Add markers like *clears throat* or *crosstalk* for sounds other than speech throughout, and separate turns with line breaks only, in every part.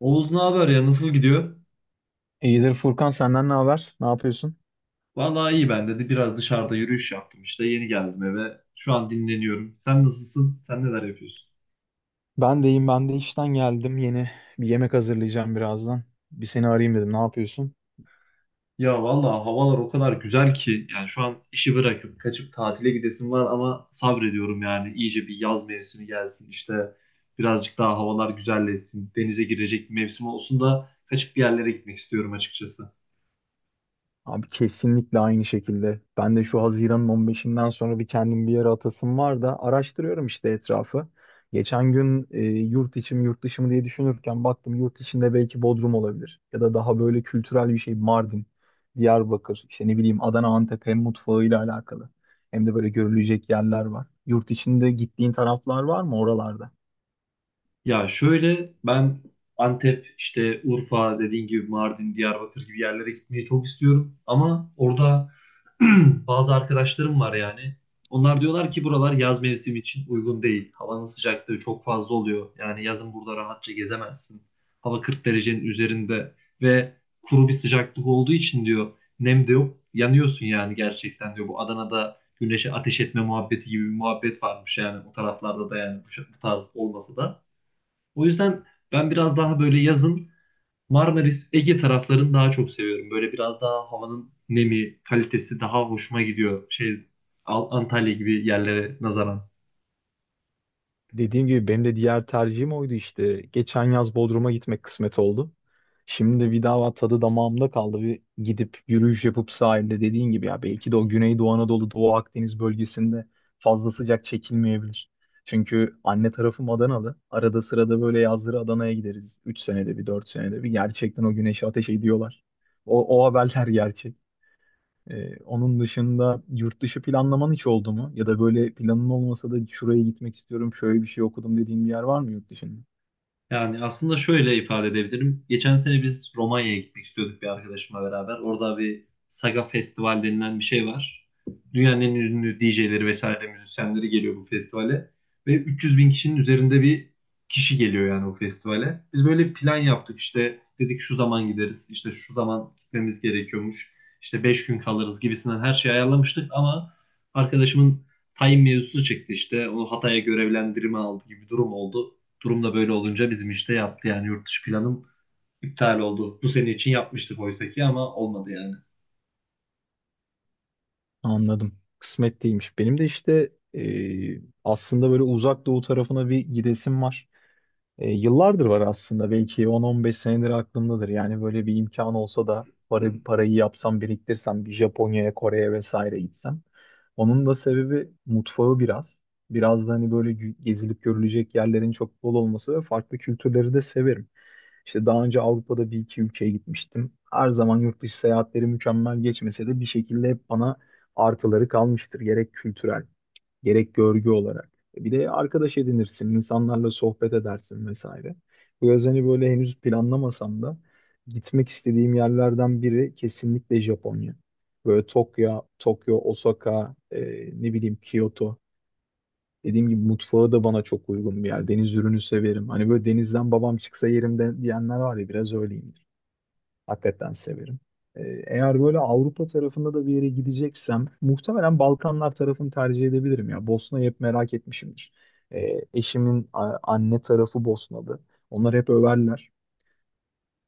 Oğuz ne haber ya, nasıl gidiyor?
İyidir Furkan, senden ne haber? Ne yapıyorsun?
Vallahi iyi ben dedi. Biraz dışarıda yürüyüş yaptım işte. Yeni geldim eve. Şu an dinleniyorum. Sen nasılsın? Sen neler yapıyorsun?
Ben de işten geldim. Yeni bir yemek hazırlayacağım birazdan. Bir seni arayayım dedim. Ne yapıyorsun?
Ya vallahi havalar o kadar güzel ki, yani şu an işi bırakıp kaçıp tatile gidesim var ama sabrediyorum. Yani iyice bir yaz mevsimi gelsin işte, birazcık daha havalar güzelleşsin, denize girecek bir mevsim olsun da kaçıp bir yerlere gitmek istiyorum açıkçası.
Abi kesinlikle aynı şekilde. Ben de şu Haziran'ın 15'inden sonra bir kendim bir yere atasım var da araştırıyorum işte etrafı. Geçen gün yurt içi mi yurt dışı mı diye düşünürken baktım yurt içinde belki Bodrum olabilir. Ya da daha böyle kültürel bir şey Mardin, Diyarbakır, işte ne bileyim Adana, Antep hem mutfağıyla alakalı. Hem de böyle görülecek yerler var. Yurt içinde gittiğin taraflar var mı oralarda?
Ya şöyle, ben Antep, işte Urfa dediğin gibi Mardin, Diyarbakır gibi yerlere gitmeyi çok istiyorum. Ama orada *clears throat* bazı arkadaşlarım var yani. Onlar diyorlar ki buralar yaz mevsimi için uygun değil. Havanın sıcaklığı çok fazla oluyor. Yani yazın burada rahatça gezemezsin. Hava 40 derecenin üzerinde ve kuru bir sıcaklık olduğu için diyor, nem de yok. Yanıyorsun yani gerçekten diyor. Bu Adana'da güneşe ateş etme muhabbeti gibi bir muhabbet varmış yani o taraflarda da, yani bu tarz olmasa da. O yüzden ben biraz daha böyle yazın Marmaris, Ege taraflarını daha çok seviyorum. Böyle biraz daha havanın nemi, kalitesi daha hoşuma gidiyor. Antalya gibi yerlere nazaran.
Dediğim gibi benim de diğer tercihim oydu işte. Geçen yaz Bodrum'a gitmek kısmet oldu. Şimdi bir daha tadı damağımda kaldı. Bir gidip yürüyüş yapıp sahilde dediğin gibi ya belki de o Güneydoğu Anadolu, Doğu Akdeniz bölgesinde fazla sıcak çekilmeyebilir. Çünkü anne tarafım Adanalı. Arada sırada böyle yazları Adana'ya gideriz. 3 senede bir, 4 senede bir. Gerçekten o güneşi ateş ediyorlar. O haberler *laughs* gerçek. Onun dışında yurt dışı planlaman hiç oldu mu? Ya da böyle planın olmasa da şuraya gitmek istiyorum, şöyle bir şey okudum dediğin bir yer var mı yurt dışında?
Yani aslında şöyle ifade edebilirim. Geçen sene biz Romanya'ya gitmek istiyorduk, bir arkadaşımla beraber. Orada bir Saga Festival denilen bir şey var. Dünyanın en ünlü DJ'leri vesaire müzisyenleri geliyor bu festivale. Ve 300 bin kişinin üzerinde bir kişi geliyor yani o festivale. Biz böyle plan yaptık, işte dedik şu zaman gideriz, işte şu zaman gitmemiz gerekiyormuş, işte 5 gün kalırız gibisinden her şeyi ayarlamıştık, ama arkadaşımın tayin mevzusu çıktı işte. Onu Hatay'a görevlendirme aldı gibi bir durum oldu. Durumda böyle olunca bizim işte yaptı, yani yurt dışı planım iptal oldu. Bu sene için yapmıştık oysa ki, ama olmadı yani.
Anladım. Kısmet değilmiş. Benim de işte aslında böyle uzak doğu tarafına bir gidesim var. Yıllardır var aslında, belki 10-15 senedir aklımdadır. Yani böyle bir imkan olsa da para, parayı yapsam biriktirsem bir Japonya'ya, Kore'ye vesaire gitsem. Onun da sebebi mutfağı biraz. Biraz da hani böyle gezilip görülecek yerlerin çok bol olması ve farklı kültürleri de severim. İşte daha önce Avrupa'da bir iki ülkeye gitmiştim. Her zaman yurt dışı seyahatleri mükemmel geçmese de bir şekilde hep bana artıları kalmıştır. Gerek kültürel, gerek görgü olarak. Bir de arkadaş edinirsin, insanlarla sohbet edersin vesaire. Bu yaz hani böyle henüz planlamasam da gitmek istediğim yerlerden biri kesinlikle Japonya. Böyle Tokyo, Osaka, ne bileyim Kyoto. Dediğim gibi mutfağı da bana çok uygun bir yer. Deniz ürünü severim. Hani böyle denizden babam çıksa yerimde diyenler var ya, biraz öyleyim. Hakikaten severim. Ee, Eğer böyle Avrupa tarafında da bir yere gideceksem muhtemelen Balkanlar tarafını tercih edebilirim ya. Bosna'yı hep merak etmişimdir. Eşimin anne tarafı Bosnalı. Onlar hep överler.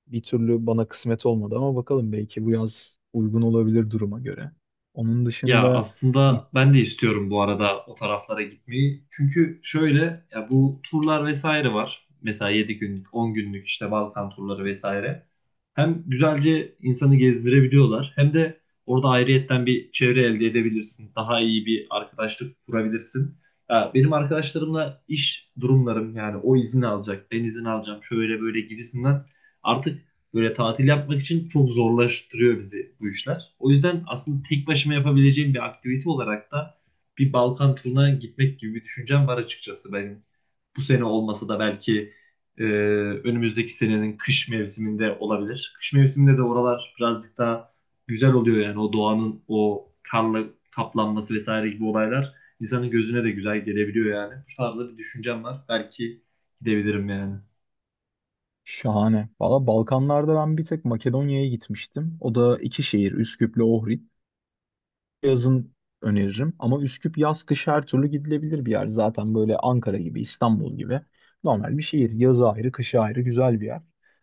Bir türlü bana kısmet olmadı ama bakalım belki bu yaz uygun olabilir duruma göre. Onun
Ya
dışında. Hı.
aslında ben de istiyorum bu arada o taraflara gitmeyi. Çünkü şöyle, ya bu turlar vesaire var. Mesela 7 günlük, 10 günlük işte Balkan turları vesaire. Hem güzelce insanı gezdirebiliyorlar, hem de orada ayrıyetten bir çevre elde edebilirsin. Daha iyi bir arkadaşlık kurabilirsin. Ya benim arkadaşlarımla iş durumlarım, yani o izni alacak, ben izin alacağım şöyle böyle gibisinden, artık böyle tatil yapmak için çok zorlaştırıyor bizi bu işler. O yüzden aslında tek başıma yapabileceğim bir aktivite olarak da bir Balkan turuna gitmek gibi bir düşüncem var açıkçası benim. Bu sene olmasa da belki e, önümüzdeki senenin kış mevsiminde olabilir. Kış mevsiminde de oralar birazcık daha güzel oluyor, yani o doğanın o karla kaplanması vesaire gibi olaylar insanın gözüne de güzel gelebiliyor yani. Bu tarzda bir düşüncem var. Belki gidebilirim yani.
Şahane. Valla Balkanlarda ben bir tek Makedonya'ya gitmiştim. O da iki şehir, Üsküp'le Ohrid. Yazın öneririm. Ama Üsküp yaz kış her türlü gidilebilir bir yer. Zaten böyle Ankara gibi, İstanbul gibi normal bir şehir. Yazı ayrı, kışı ayrı güzel bir yer.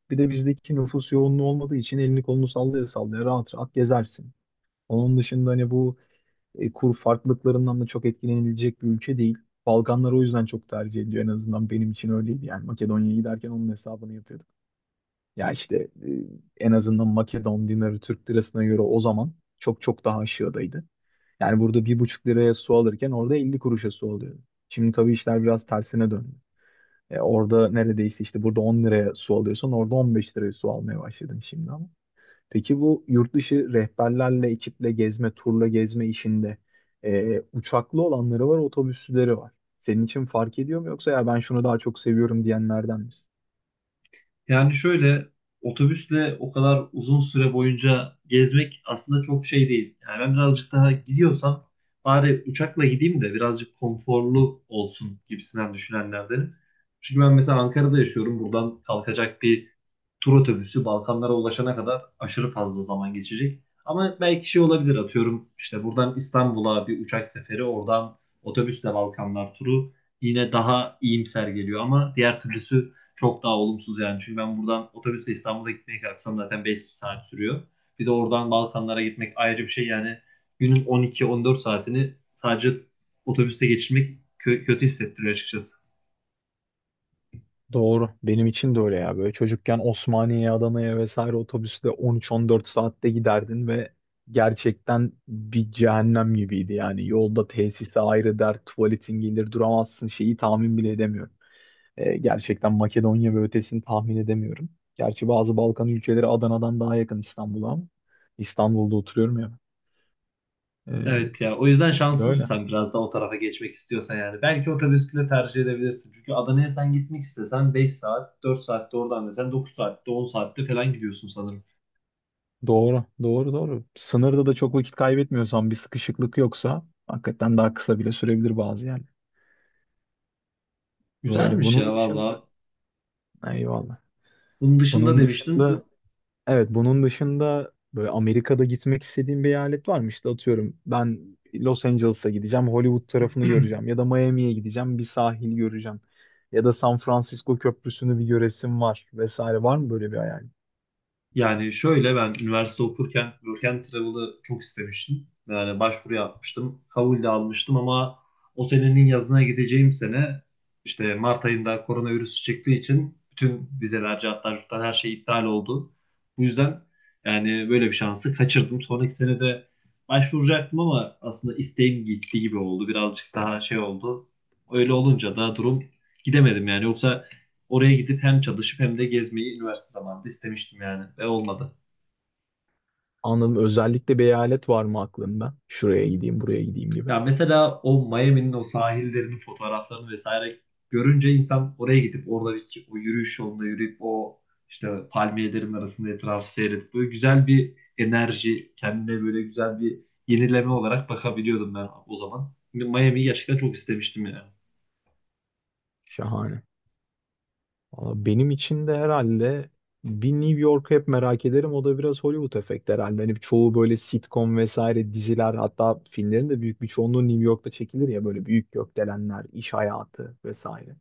Bir de bizdeki nüfus yoğunluğu olmadığı için elini kolunu sallaya sallaya rahat rahat gezersin. Onun dışında hani bu kur farklılıklarından da çok etkilenilecek bir ülke değil. Balkanlar o yüzden çok tercih ediliyor. En azından benim için öyleydi. Yani Makedonya'ya giderken onun hesabını yapıyordum. Ya işte, en azından Makedon dinarı Türk lirasına göre o zaman çok çok daha aşağıdaydı. Yani burada bir buçuk liraya su alırken orada 50 kuruşa su alıyordu. Şimdi tabii işler biraz tersine döndü. Orada neredeyse işte burada 10 liraya su alıyorsan orada 15 liraya su almaya başladın şimdi ama. Peki bu yurt dışı rehberlerle, ekiple gezme, turla gezme işinde uçaklı olanları var, otobüsleri var. Senin için fark ediyor mu yoksa ya ben şunu daha çok seviyorum diyenlerden misin?
Yani şöyle, otobüsle o kadar uzun süre boyunca gezmek aslında çok şey değil. Yani ben birazcık daha gidiyorsam bari uçakla gideyim de birazcık konforlu olsun gibisinden düşünenlerdenim. Çünkü ben mesela Ankara'da yaşıyorum. Buradan kalkacak bir tur otobüsü Balkanlara ulaşana kadar aşırı fazla zaman geçecek. Ama belki şey olabilir, atıyorum işte buradan İstanbul'a bir uçak seferi, oradan otobüsle Balkanlar turu yine daha iyimser geliyor, ama diğer türlüsü çok daha olumsuz yani. Çünkü ben buradan otobüsle İstanbul'a gitmeye kalksam zaten 5 saat sürüyor. Bir de oradan Balkanlara gitmek ayrı bir şey yani. Günün 12-14 saatini sadece otobüste geçirmek kötü hissettiriyor açıkçası.
Doğru. Benim için de öyle ya. Böyle çocukken Osmaniye'ye, Adana'ya vesaire otobüsle 13-14 saatte giderdin ve gerçekten bir cehennem gibiydi yani. Yolda tesise ayrı dert, tuvaletin gelir duramazsın, şeyi tahmin bile edemiyorum. Gerçekten Makedonya ve ötesini tahmin edemiyorum. Gerçi bazı Balkan ülkeleri Adana'dan daha yakın İstanbul'a ama İstanbul'da oturuyorum ya. Ee,
Evet ya, o yüzden şanslısın
Böyle.
sen, biraz da o tarafa geçmek istiyorsan yani. Belki otobüsle tercih edebilirsin. Çünkü Adana'ya sen gitmek istesen 5 saat, 4 saatte, oradan desen 9 saatte, 10 saatte falan gidiyorsun sanırım.
Doğru, doğru, doğru. Sınırda da çok vakit kaybetmiyorsan, bir sıkışıklık yoksa hakikaten daha kısa bile sürebilir bazı yani. Böyle
Güzelmiş
bunun
ya
dışında
valla.
eyvallah.
Bunun dışında
Bunun
demiştin.
dışında, evet, bunun dışında böyle Amerika'da gitmek istediğim bir eyalet var mı? İşte atıyorum ben Los Angeles'a gideceğim, Hollywood tarafını göreceğim
*clears throat*
ya da Miami'ye gideceğim, bir sahil göreceğim. Ya da San Francisco Köprüsü'nü bir göresim var vesaire, var mı böyle bir hayal?
Yani şöyle, ben üniversite okurken Work and Travel'ı çok istemiştim. Yani başvuru yapmıştım. Kabul de almıştım ama o senenin yazına gideceğim sene işte Mart ayında koronavirüs çıktığı için bütün vizeler, cartlar, curtlar her şey iptal oldu. Bu yüzden yani böyle bir şansı kaçırdım. Sonraki sene de başvuracaktım ama aslında isteğim gitti gibi oldu. Birazcık daha şey oldu. Öyle olunca da durum gidemedim yani. Yoksa oraya gidip hem çalışıp hem de gezmeyi üniversite zamanında istemiştim yani, ve olmadı.
Anladım. Özellikle bir eyalet var mı aklında? Şuraya gideyim, buraya gideyim gibi.
Ya mesela o Miami'nin o sahillerinin fotoğraflarını vesaire görünce, insan oraya gidip oradaki o yürüyüş yolunda yürüyüp o işte palmiyelerin arasında etrafı seyredip böyle güzel bir enerji, kendine böyle güzel bir yenileme olarak bakabiliyordum ben o zaman. Miami'yi gerçekten çok istemiştim yani.
Şahane. Valla benim için de herhalde bir New York'u hep merak ederim. O da biraz Hollywood efekti herhalde. Hani çoğu böyle sitcom vesaire diziler, hatta filmlerin de büyük bir çoğunluğu New York'ta çekilir ya, böyle büyük gökdelenler, iş hayatı vesaire.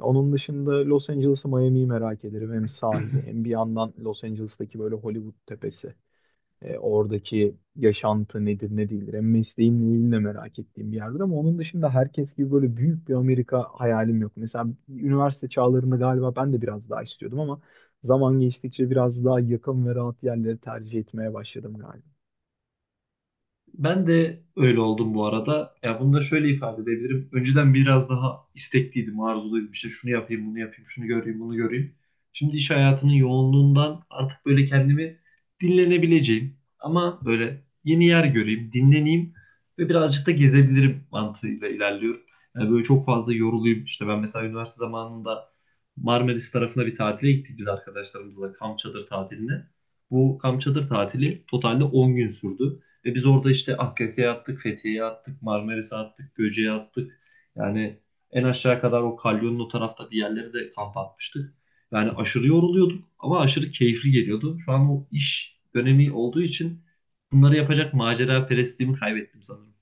Onun dışında Los Angeles'ı, Miami'yi merak ederim. Hem sahili hem bir yandan Los Angeles'taki böyle Hollywood tepesi. Oradaki yaşantı nedir ne değildir. Hem mesleğimle ilgili de merak ettiğim bir yerdir ama onun dışında herkes gibi böyle büyük bir Amerika hayalim yok. Mesela üniversite çağlarında galiba ben de biraz daha istiyordum ama zaman geçtikçe biraz daha yakın ve rahat yerleri tercih etmeye başladım galiba.
Ben de öyle oldum bu arada. Ya bunu da şöyle ifade edebilirim. Önceden biraz daha istekliydim, arzuluydum. İşte şunu yapayım, bunu yapayım, şunu göreyim, bunu göreyim. Şimdi iş hayatının yoğunluğundan artık böyle kendimi dinlenebileceğim. Ama böyle yeni yer göreyim, dinleneyim ve birazcık da gezebilirim mantığıyla ilerliyorum. Yani böyle çok fazla yoruluyum. İşte ben mesela üniversite zamanında Marmaris tarafına bir tatile gittik biz arkadaşlarımızla, kamp çadır tatiline. Bu kamp çadır tatili totalde 10 gün sürdü. Ve biz orada işte Akkaya'ya attık, Fethiye'ye attık, Marmaris'e attık, Göce'ye attık. Yani en aşağı kadar o kalyonun o tarafta bir yerlere de kamp atmıştık. Yani aşırı yoruluyorduk ama aşırı keyifli geliyordu. Şu an o iş dönemi olduğu için bunları yapacak macera perestliğimi kaybettim sanırım.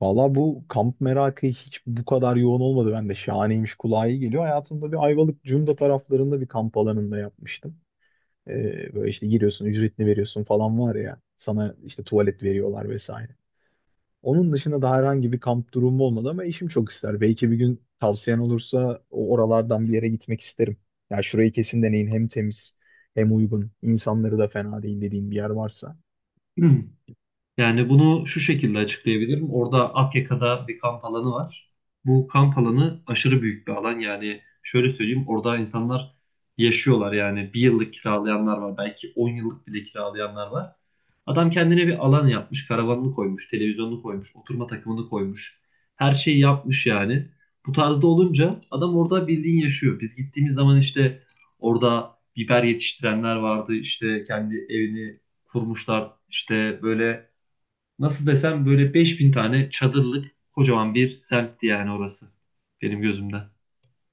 Valla bu kamp merakı hiç bu kadar yoğun olmadı. Ben de şahaneymiş, kulağa iyi geliyor. Hayatımda bir Ayvalık Cunda taraflarında bir kamp alanında yapmıştım. Böyle işte giriyorsun, ücretini veriyorsun falan var ya. Sana işte tuvalet veriyorlar vesaire. Onun dışında da herhangi bir kamp durumu olmadı ama eşim çok ister. Belki bir gün tavsiyen olursa o oralardan bir yere gitmek isterim. Ya şurayı kesin deneyin. Hem temiz hem uygun. İnsanları da fena değil dediğin bir yer varsa.
*clears throat* Yani bunu şu şekilde açıklayabilirim. Orada Akyaka'da bir kamp alanı var. Bu kamp alanı aşırı büyük bir alan. Yani şöyle söyleyeyim, orada insanlar yaşıyorlar. Yani bir yıllık kiralayanlar var. Belki 10 yıllık bile kiralayanlar var. Adam kendine bir alan yapmış. Karavanını koymuş, televizyonunu koymuş, oturma takımını koymuş. Her şeyi yapmış yani. Bu tarzda olunca adam orada bildiğin yaşıyor. Biz gittiğimiz zaman işte orada biber yetiştirenler vardı. İşte kendi evini kurmuşlar. İşte böyle, nasıl desem, böyle 5.000 tane çadırlık kocaman bir semtti yani orası, benim gözümden.